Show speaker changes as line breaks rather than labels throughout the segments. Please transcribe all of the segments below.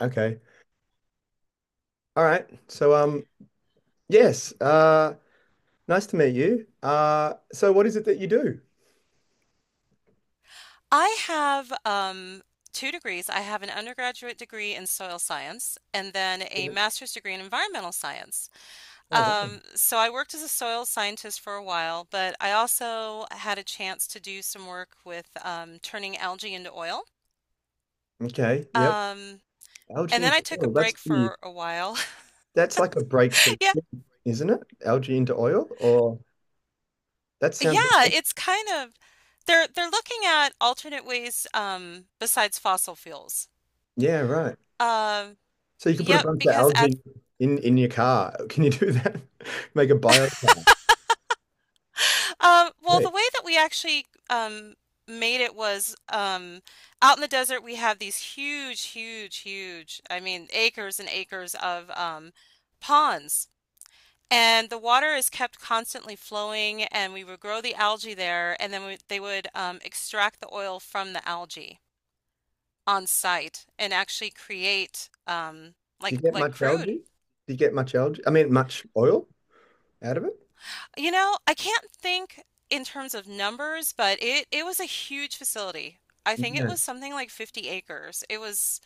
Okay. All right. Yes. Nice to meet you. So what is it that you do?
I have two degrees. I have an undergraduate degree in soil science and then a
Yeah.
master's degree in environmental science.
Oh, wow.
So I worked as a soil scientist for a while, but I also had a chance to do some work with turning algae into oil.
Okay. Yep.
Um, and
Algae
then I
into
took a
oil.
break for a while.
That's like a breakthrough,
Yeah,
isn't it? Algae into oil, or that sounds,
yeah, it's kind of they're looking at alternate ways besides fossil fuels.
yeah, right.
Um,
So you can put a
yep,
bunch of
because at
algae in your car. Can you do that? Make a bio car.
Well,
Right.
the way that we actually made it was out in the desert, we have these huge, huge, huge, I mean, acres and acres of ponds. And the water is kept constantly flowing, and we would grow the algae there, and then they would extract the oil from the algae on site and actually create
Do you
like
get
like
much
crude.
algae? Do you get much algae? I mean, much oil out of it?
You know, I can't think in terms of numbers, but it was a huge facility. I think it
Yeah.
was something like 50 acres. It was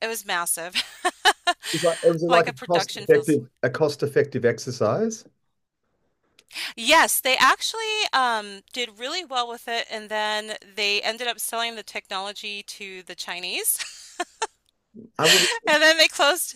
it was massive.
was like it was
Like
like a
a
cost
production facility.
effective a cost effective exercise.
Yes, they actually did really well with it, and then they ended up selling the technology to the Chinese,
I would
and then they closed.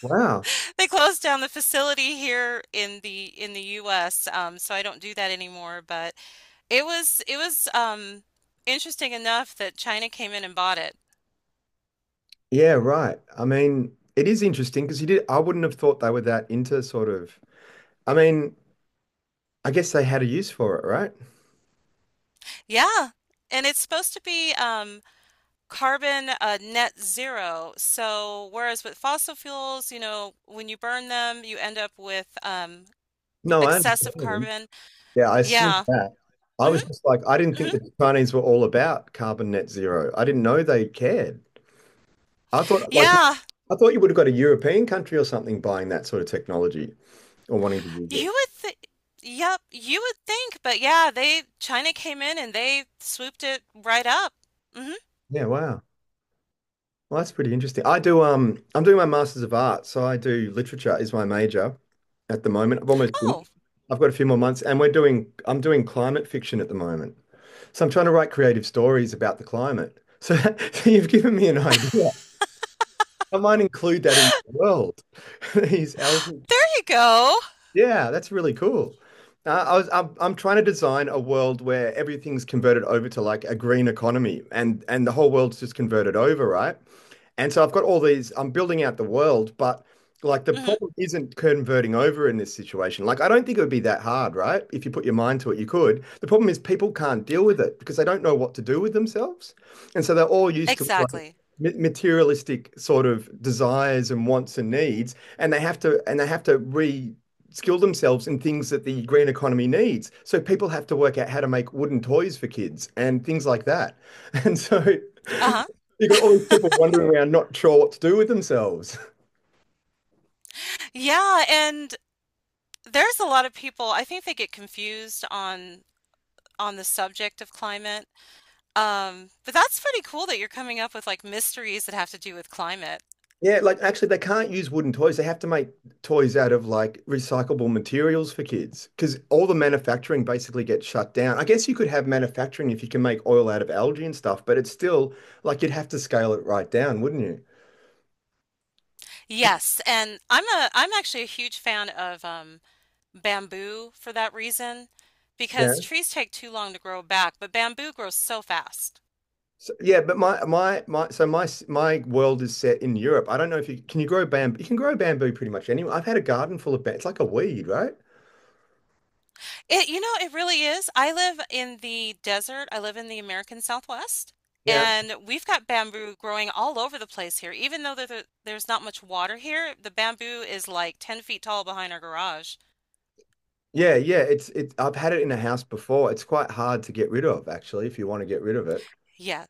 wow.
They closed down the facility here in the US, so I don't do that anymore, but it was interesting enough that China came in and bought it.
Yeah, right. I mean, it is interesting because you did. I wouldn't have thought they were that into sort of, I mean, I guess they had a use for it, right?
Yeah. And it's supposed to be carbon, net zero. So whereas with fossil fuels, you know, when you burn them, you end up with
No, I
excessive
understand.
carbon.
Yeah, I assume
Yeah.
that. I
Hmm.
was just like, I didn't think
Hmm.
that the Chinese were all about carbon net zero. I didn't know they cared. I thought like,
Yeah.
I thought you would have got a European country or something buying that sort of technology or wanting to use it.
You would think, yep, you would think, but yeah, they China came in and they swooped it right up. Hmm.
Yeah, wow. Well, that's pretty interesting. I'm doing my Masters of Art, so I do literature is my major at the moment. I've almost
Oh,
finished. I've got a few more months, and we're doing I'm doing climate fiction at the moment. So I'm trying to write creative stories about the climate. So, so you've given me an idea. I might include that in my world. These elements.
there you go.
Yeah, that's really cool. I'm trying to design a world where everything's converted over to like a green economy and the whole world's just converted over, right? And so I've got all these, I'm building out the world, but like the
Hmm.
problem isn't converting over in this situation. Like, I don't think it would be that hard, right? If you put your mind to it, you could. The problem is people can't deal with it because they don't know what to do with themselves. And so they're all used to like
Exactly.
materialistic sort of desires and wants and needs, and they have to re skill themselves in things that the green economy needs. So people have to work out how to make wooden toys for kids and things like that. And so
Uh-huh.
you got all these people wandering around, not sure what to do with themselves.
Yeah, and there's a lot of people, I think they get confused on the subject of climate. But that's pretty cool that you're coming up with like mysteries that have to do with climate.
Yeah, like actually, they can't use wooden toys. They have to make toys out of like recyclable materials for kids because all the manufacturing basically gets shut down. I guess you could have manufacturing if you can make oil out of algae and stuff, but it's still like you'd have to scale it right down, wouldn't you?
Yes, and I'm actually a huge fan of bamboo for that reason because
Yeah.
trees take too long to grow back, but bamboo grows so fast.
So my my world is set in Europe. I don't know if you can you grow bamboo. You can grow bamboo pretty much anywhere. I've had a garden full of bamboo. It's like a weed, right?
It, you know, it really is. I live in the desert. I live in the American Southwest,
Yeah.
and we've got bamboo growing all over the place here. Even though there's not much water here, the bamboo is like 10 feet tall behind our garage.
Yeah, yeah, it's it. I've had it in a house before. It's quite hard to get rid of, actually, if you want to get rid of it.
Yeah.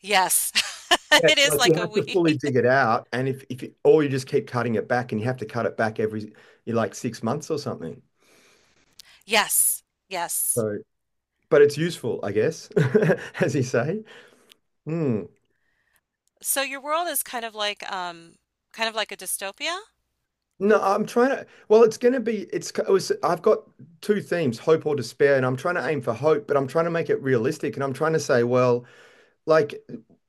Yes.
Yeah,
It is
like you
like a
have to fully
weed.
dig it out, and if you, or you just keep cutting it back, and you have to cut it back every you like 6 months or something.
Yes. Yes.
So, but it's useful, I guess, as you say. Hmm.
So your world is kind of like a dystopia?
No, I'm trying to. Well, it's going to be. It's. It was, I've got two themes: hope or despair, and I'm trying to aim for hope, but I'm trying to make it realistic, and I'm trying to say, well, like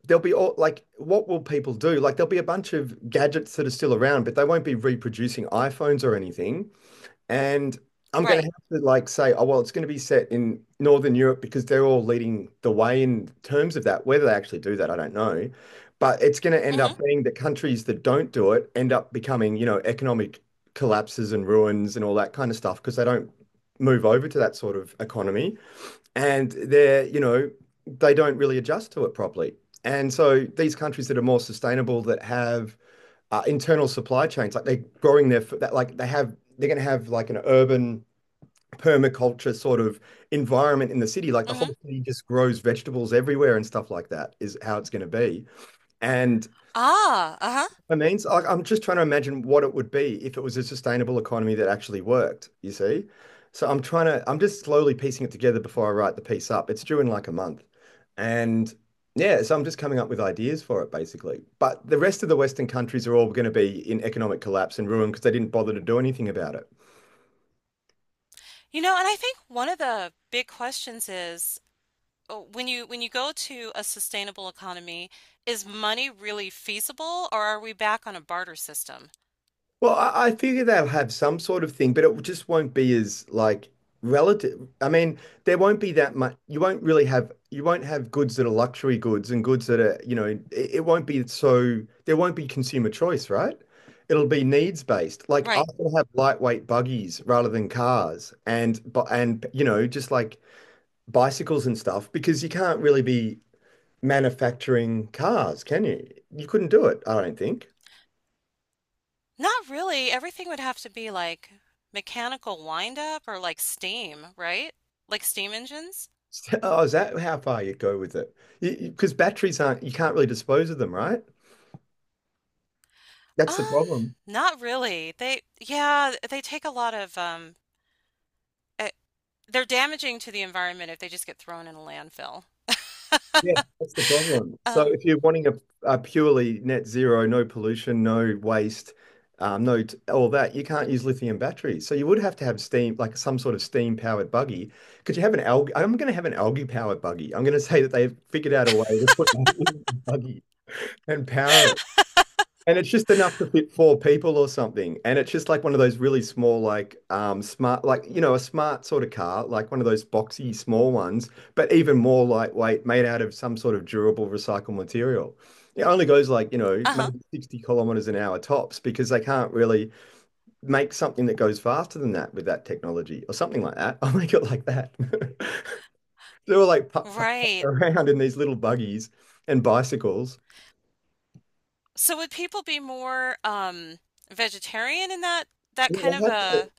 there'll be all like what will people do? Like there'll be a bunch of gadgets that are still around, but they won't be reproducing iPhones or anything. And I'm going to
Right.
have to like say, oh well, it's going to be set in Northern Europe because they're all leading the way in terms of that. Whether they actually do that, I don't know. But it's going to end
Mhm,
up being that countries that don't do it end up becoming, you know, economic collapses and ruins and all that kind of stuff because they don't move over to that sort of economy and they're, you know, they don't really adjust to it properly. And so these countries that are more sustainable, that have internal supply chains, like they're growing their, that like they have, they're going to have like an urban permaculture sort of environment in the city. Like the
mhm.
whole city just grows vegetables everywhere and stuff like that is how it's going to be. And
Ah, uh-huh.
I mean, so, like, I'm just trying to imagine what it would be if it was a sustainable economy that actually worked, you see? So I'm just slowly piecing it together before I write the piece up. It's due in like a month. And yeah, so I'm just coming up with ideas for it basically. But the rest of the Western countries are all going to be in economic collapse and ruin because they didn't bother to do anything about it.
You know, and I think one of the big questions is when you go to a sustainable economy, is money really feasible or are we back on a barter system?
Well, I figure they'll have some sort of thing, but it just won't be as like relative. I mean, there won't be that much. You won't have goods that are luxury goods and goods that are, you know, it won't be so there won't be consumer choice, right? It'll be needs based. Like I
Right.
will have lightweight buggies rather than cars, and you know, just like bicycles and stuff because you can't really be manufacturing cars, can you? You couldn't do it, I don't think.
Not really. Everything would have to be like mechanical wind up or like steam, right? Like steam engines?
Oh, is that how far you go with it? Because batteries aren't, you can't really dispose of them, right? That's the
Um,
problem.
Not really. Yeah, they take a lot of, eh, they're damaging to the environment if they just get thrown in a landfill.
Yeah, that's the problem. So
Um,
if you're wanting a purely net zero, no pollution, no waste, no t- all that, you can't use lithium batteries. So you would have to have steam, like some sort of steam powered buggy. Could you have an algae? I'm going to have an algae powered buggy. I'm going to say that they've figured out a way to put algae in a buggy and power it. And it's just enough to fit four people or something. And it's just like one of those really small, smart, like, you know, a smart sort of car, like one of those boxy small ones, but even more lightweight, made out of some sort of durable recycled material. It only goes like, you know,
uh-huh.
maybe 60 kilometers an hour tops because they can't really make something that goes faster than that with that technology or something like that. I'll make it like that. They were like putt, putt, putt
Right.
around in these little buggies and bicycles.
So would people be more, vegetarian in that, that
Yeah,
kind
they
of
have to.
a,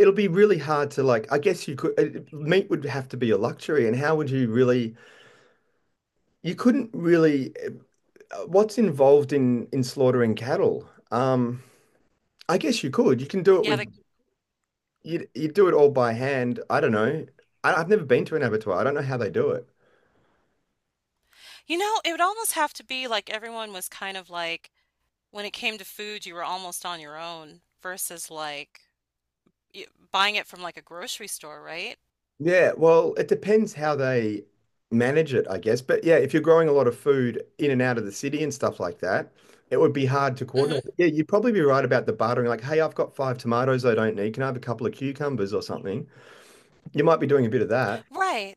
It'll be really hard to like, I guess you could, it- meat would have to be a luxury. And how would you really, you couldn't really, what's involved in slaughtering cattle? I guess you could. You can do it
yeah,
with, you do it all by hand. I don't know. I've never been to an abattoir. I don't know how they do it.
you know, it would almost have to be like everyone was kind of like, when it came to food, you were almost on your own versus like y buying it from like a grocery store, right?
Yeah, well, it depends how they manage it, I guess. But yeah, if you're growing a lot of food in and out of the city and stuff like that, it would be hard to
Hmm.
coordinate. Yeah, you'd probably be right about the bartering, like, hey, I've got five tomatoes I don't need. Can I have a couple of cucumbers or something? You might be doing a bit of that.
Right.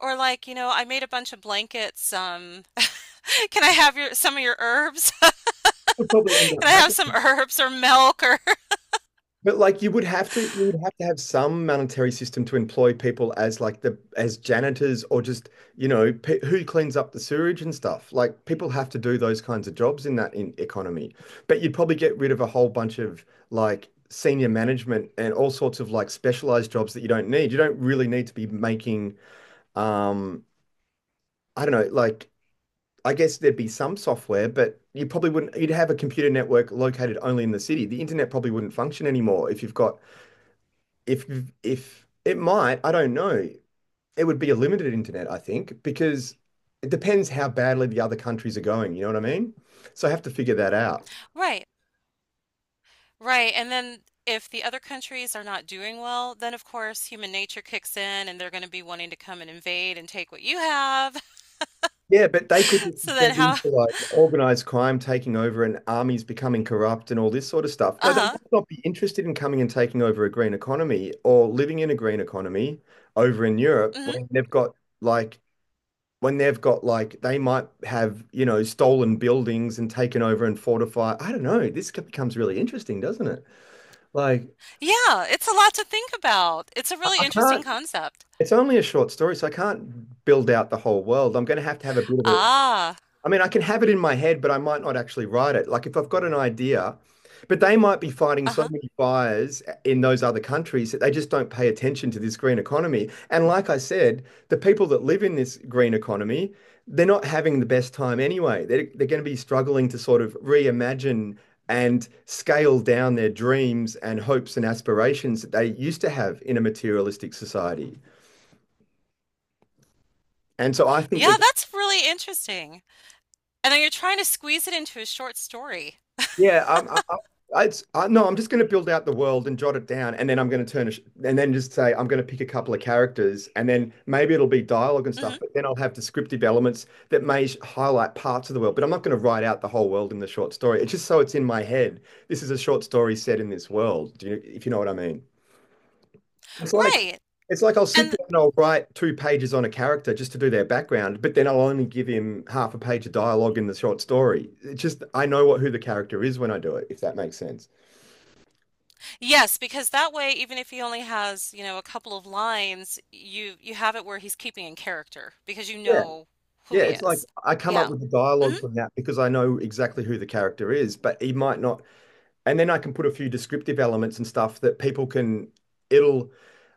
Or like, you know, I made a bunch of blankets. Can I have your some of your herbs?
Would probably end up
Can I have some
happening.
herbs or milk or
But like you would have to have some monetary system to employ people as like the as janitors or just you know pe who cleans up the sewage and stuff. Like people have to do those kinds of jobs in that in economy. But you'd probably get rid of a whole bunch of like senior management and all sorts of like specialized jobs that you don't need. You don't really need to be making um I don't know like I guess there'd be some software, but you probably wouldn't you'd have a computer network located only in the city. The internet probably wouldn't function anymore if you've got if if it might, I don't know. It would be a limited internet, I think, because it depends how badly the other countries are going. You know what I mean? So I have to figure that out.
right, right. And then if the other countries are not doing well, then of course human nature kicks in and they're going to be wanting to come and invade and take what you have.
Yeah, but they could just
So then
descend
how?
into like organized crime taking over and armies becoming corrupt and all this sort of stuff. No, they
Uh-huh.
might not be interested in coming and taking over a green economy or living in a green economy over in Europe
Hmm.
when they've got like when they've got like they might have, stolen buildings and taken over and fortify. I don't know. This becomes really interesting, doesn't it? Like
Yeah, it's a lot to think about. It's a
I,
really
I
interesting
can't.
concept.
It's only a short story, so I can't build out the whole world. I'm going to have a bit of a
Ah,
I mean, I can have it in my head, but I might not actually write it. Like if I've got an idea, but they might be fighting so
uh-huh.
many fires in those other countries that they just don't pay attention to this green economy. And like I said, the people that live in this green economy, they're not having the best time anyway. They're going to be struggling to sort of reimagine and scale down their dreams and hopes and aspirations that they used to have in a materialistic society. And so I think they're.
Yeah, that's really interesting. And then you're trying to squeeze it into a short story.
Yeah, no, I'm just going to build out the world and jot it down, and then I'm going to turn, a sh and then just say I'm going to pick a couple of characters, and then maybe it'll be dialogue and stuff,
Hmm.
but then I'll have descriptive elements that highlight parts of the world. But I'm not going to write out the whole world in the short story. It's just so it's in my head. This is a short story set in this world. If you know what I mean? It's like
Right.
it's like I'll sit
And
down and I'll write two pages on a character just to do their background, but then I'll only give him half a page of dialogue in the short story. It just I know what who the character is when I do it, if that makes sense.
yes, because that way, even if he only has, you know, a couple of lines, you have it where he's keeping in character because you
Yeah.
know who
Yeah,
he
it's like
is.
I come up
Yeah.
with the
Mhm.
dialogue from that because I know exactly who the character is, but he might not and then I can put a few descriptive elements and stuff that people can. It'll.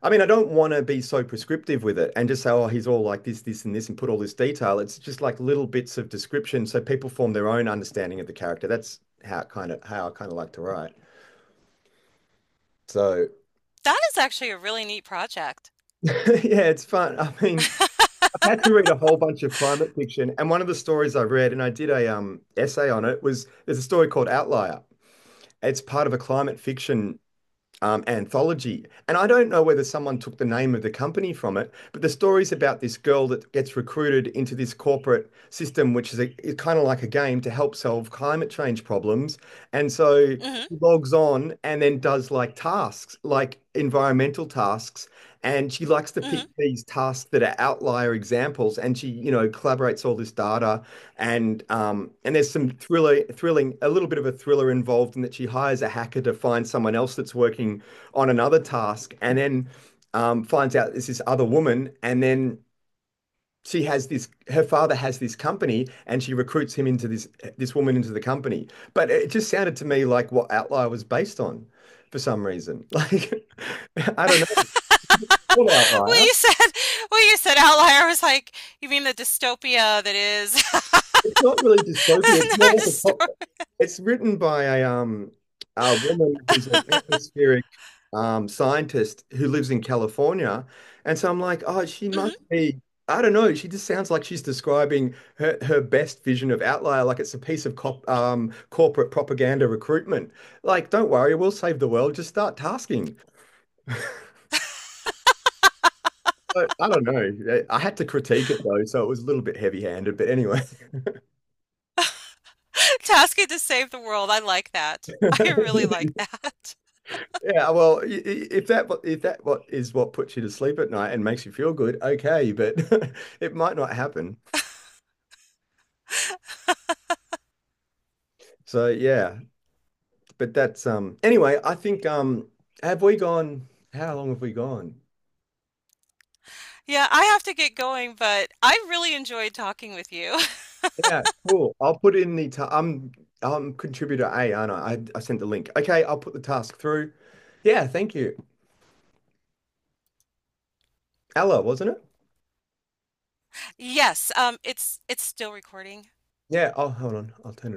I mean, I don't want to be so prescriptive with it and just say, oh, he's all like this, and this, and put all this detail. It's just like little bits of description, so people form their own understanding of the character. That's how kind of how I kind of like to write. So
That is actually a really neat project.
yeah, it's fun. I mean, I've had to read a whole bunch of climate fiction, and one of the stories I read, and I did a essay on it, was there's a story called Outlier. It's part of a climate fiction anthology. And I don't know whether someone took the name of the company from it, but the story's about this girl that gets recruited into this corporate system, which is is kind of like a game to help solve climate change problems. And so she
Mhm.
logs on and then does like tasks, like environmental tasks. And she likes to pick
Mhm.
these tasks that are outlier examples. And she, you know, collaborates all this data and there's some thrilling, a little bit of a thriller involved in that she hires a hacker to find someone else that's working on another task and then finds out it's this other woman. And then she has this, her father has this company and she recruits him into this woman into the company. But it just sounded to me like what Outlier was based on for some reason. Like, I don't know. It's called
When
Outlier.
you said when you said outlier, I was like, you mean the dystopia that is
It's not really dystopia. It's more
another
like a pop.
dystopia.
It's written by a a woman who's an atmospheric scientist who lives in California, and so I'm like, oh, she must
Mhm.
be. I don't know. She just sounds like she's describing her best vision of Outlier, like it's a piece of corporate propaganda recruitment. Like, don't worry, we'll save the world. Just start tasking. So, I don't know. I had to critique it though, so it was a little bit heavy-handed. But anyway.
Tasking to save the world. I like that. I really like that.
Yeah, well, if if that what is what puts you to sleep at night and makes you feel good, okay, but it might not happen. So yeah, but that's anyway, I think have we gone how long have we gone?
Yeah, I have to get going, but I really enjoyed talking with you.
Yeah, cool. I'll put in the ta I'm contributor A, aren't I? I sent the link. Okay, I'll put the task through. Yeah, thank you. Ella, wasn't it?
Yes, it's still recording.
Yeah, oh hold on. I'll turn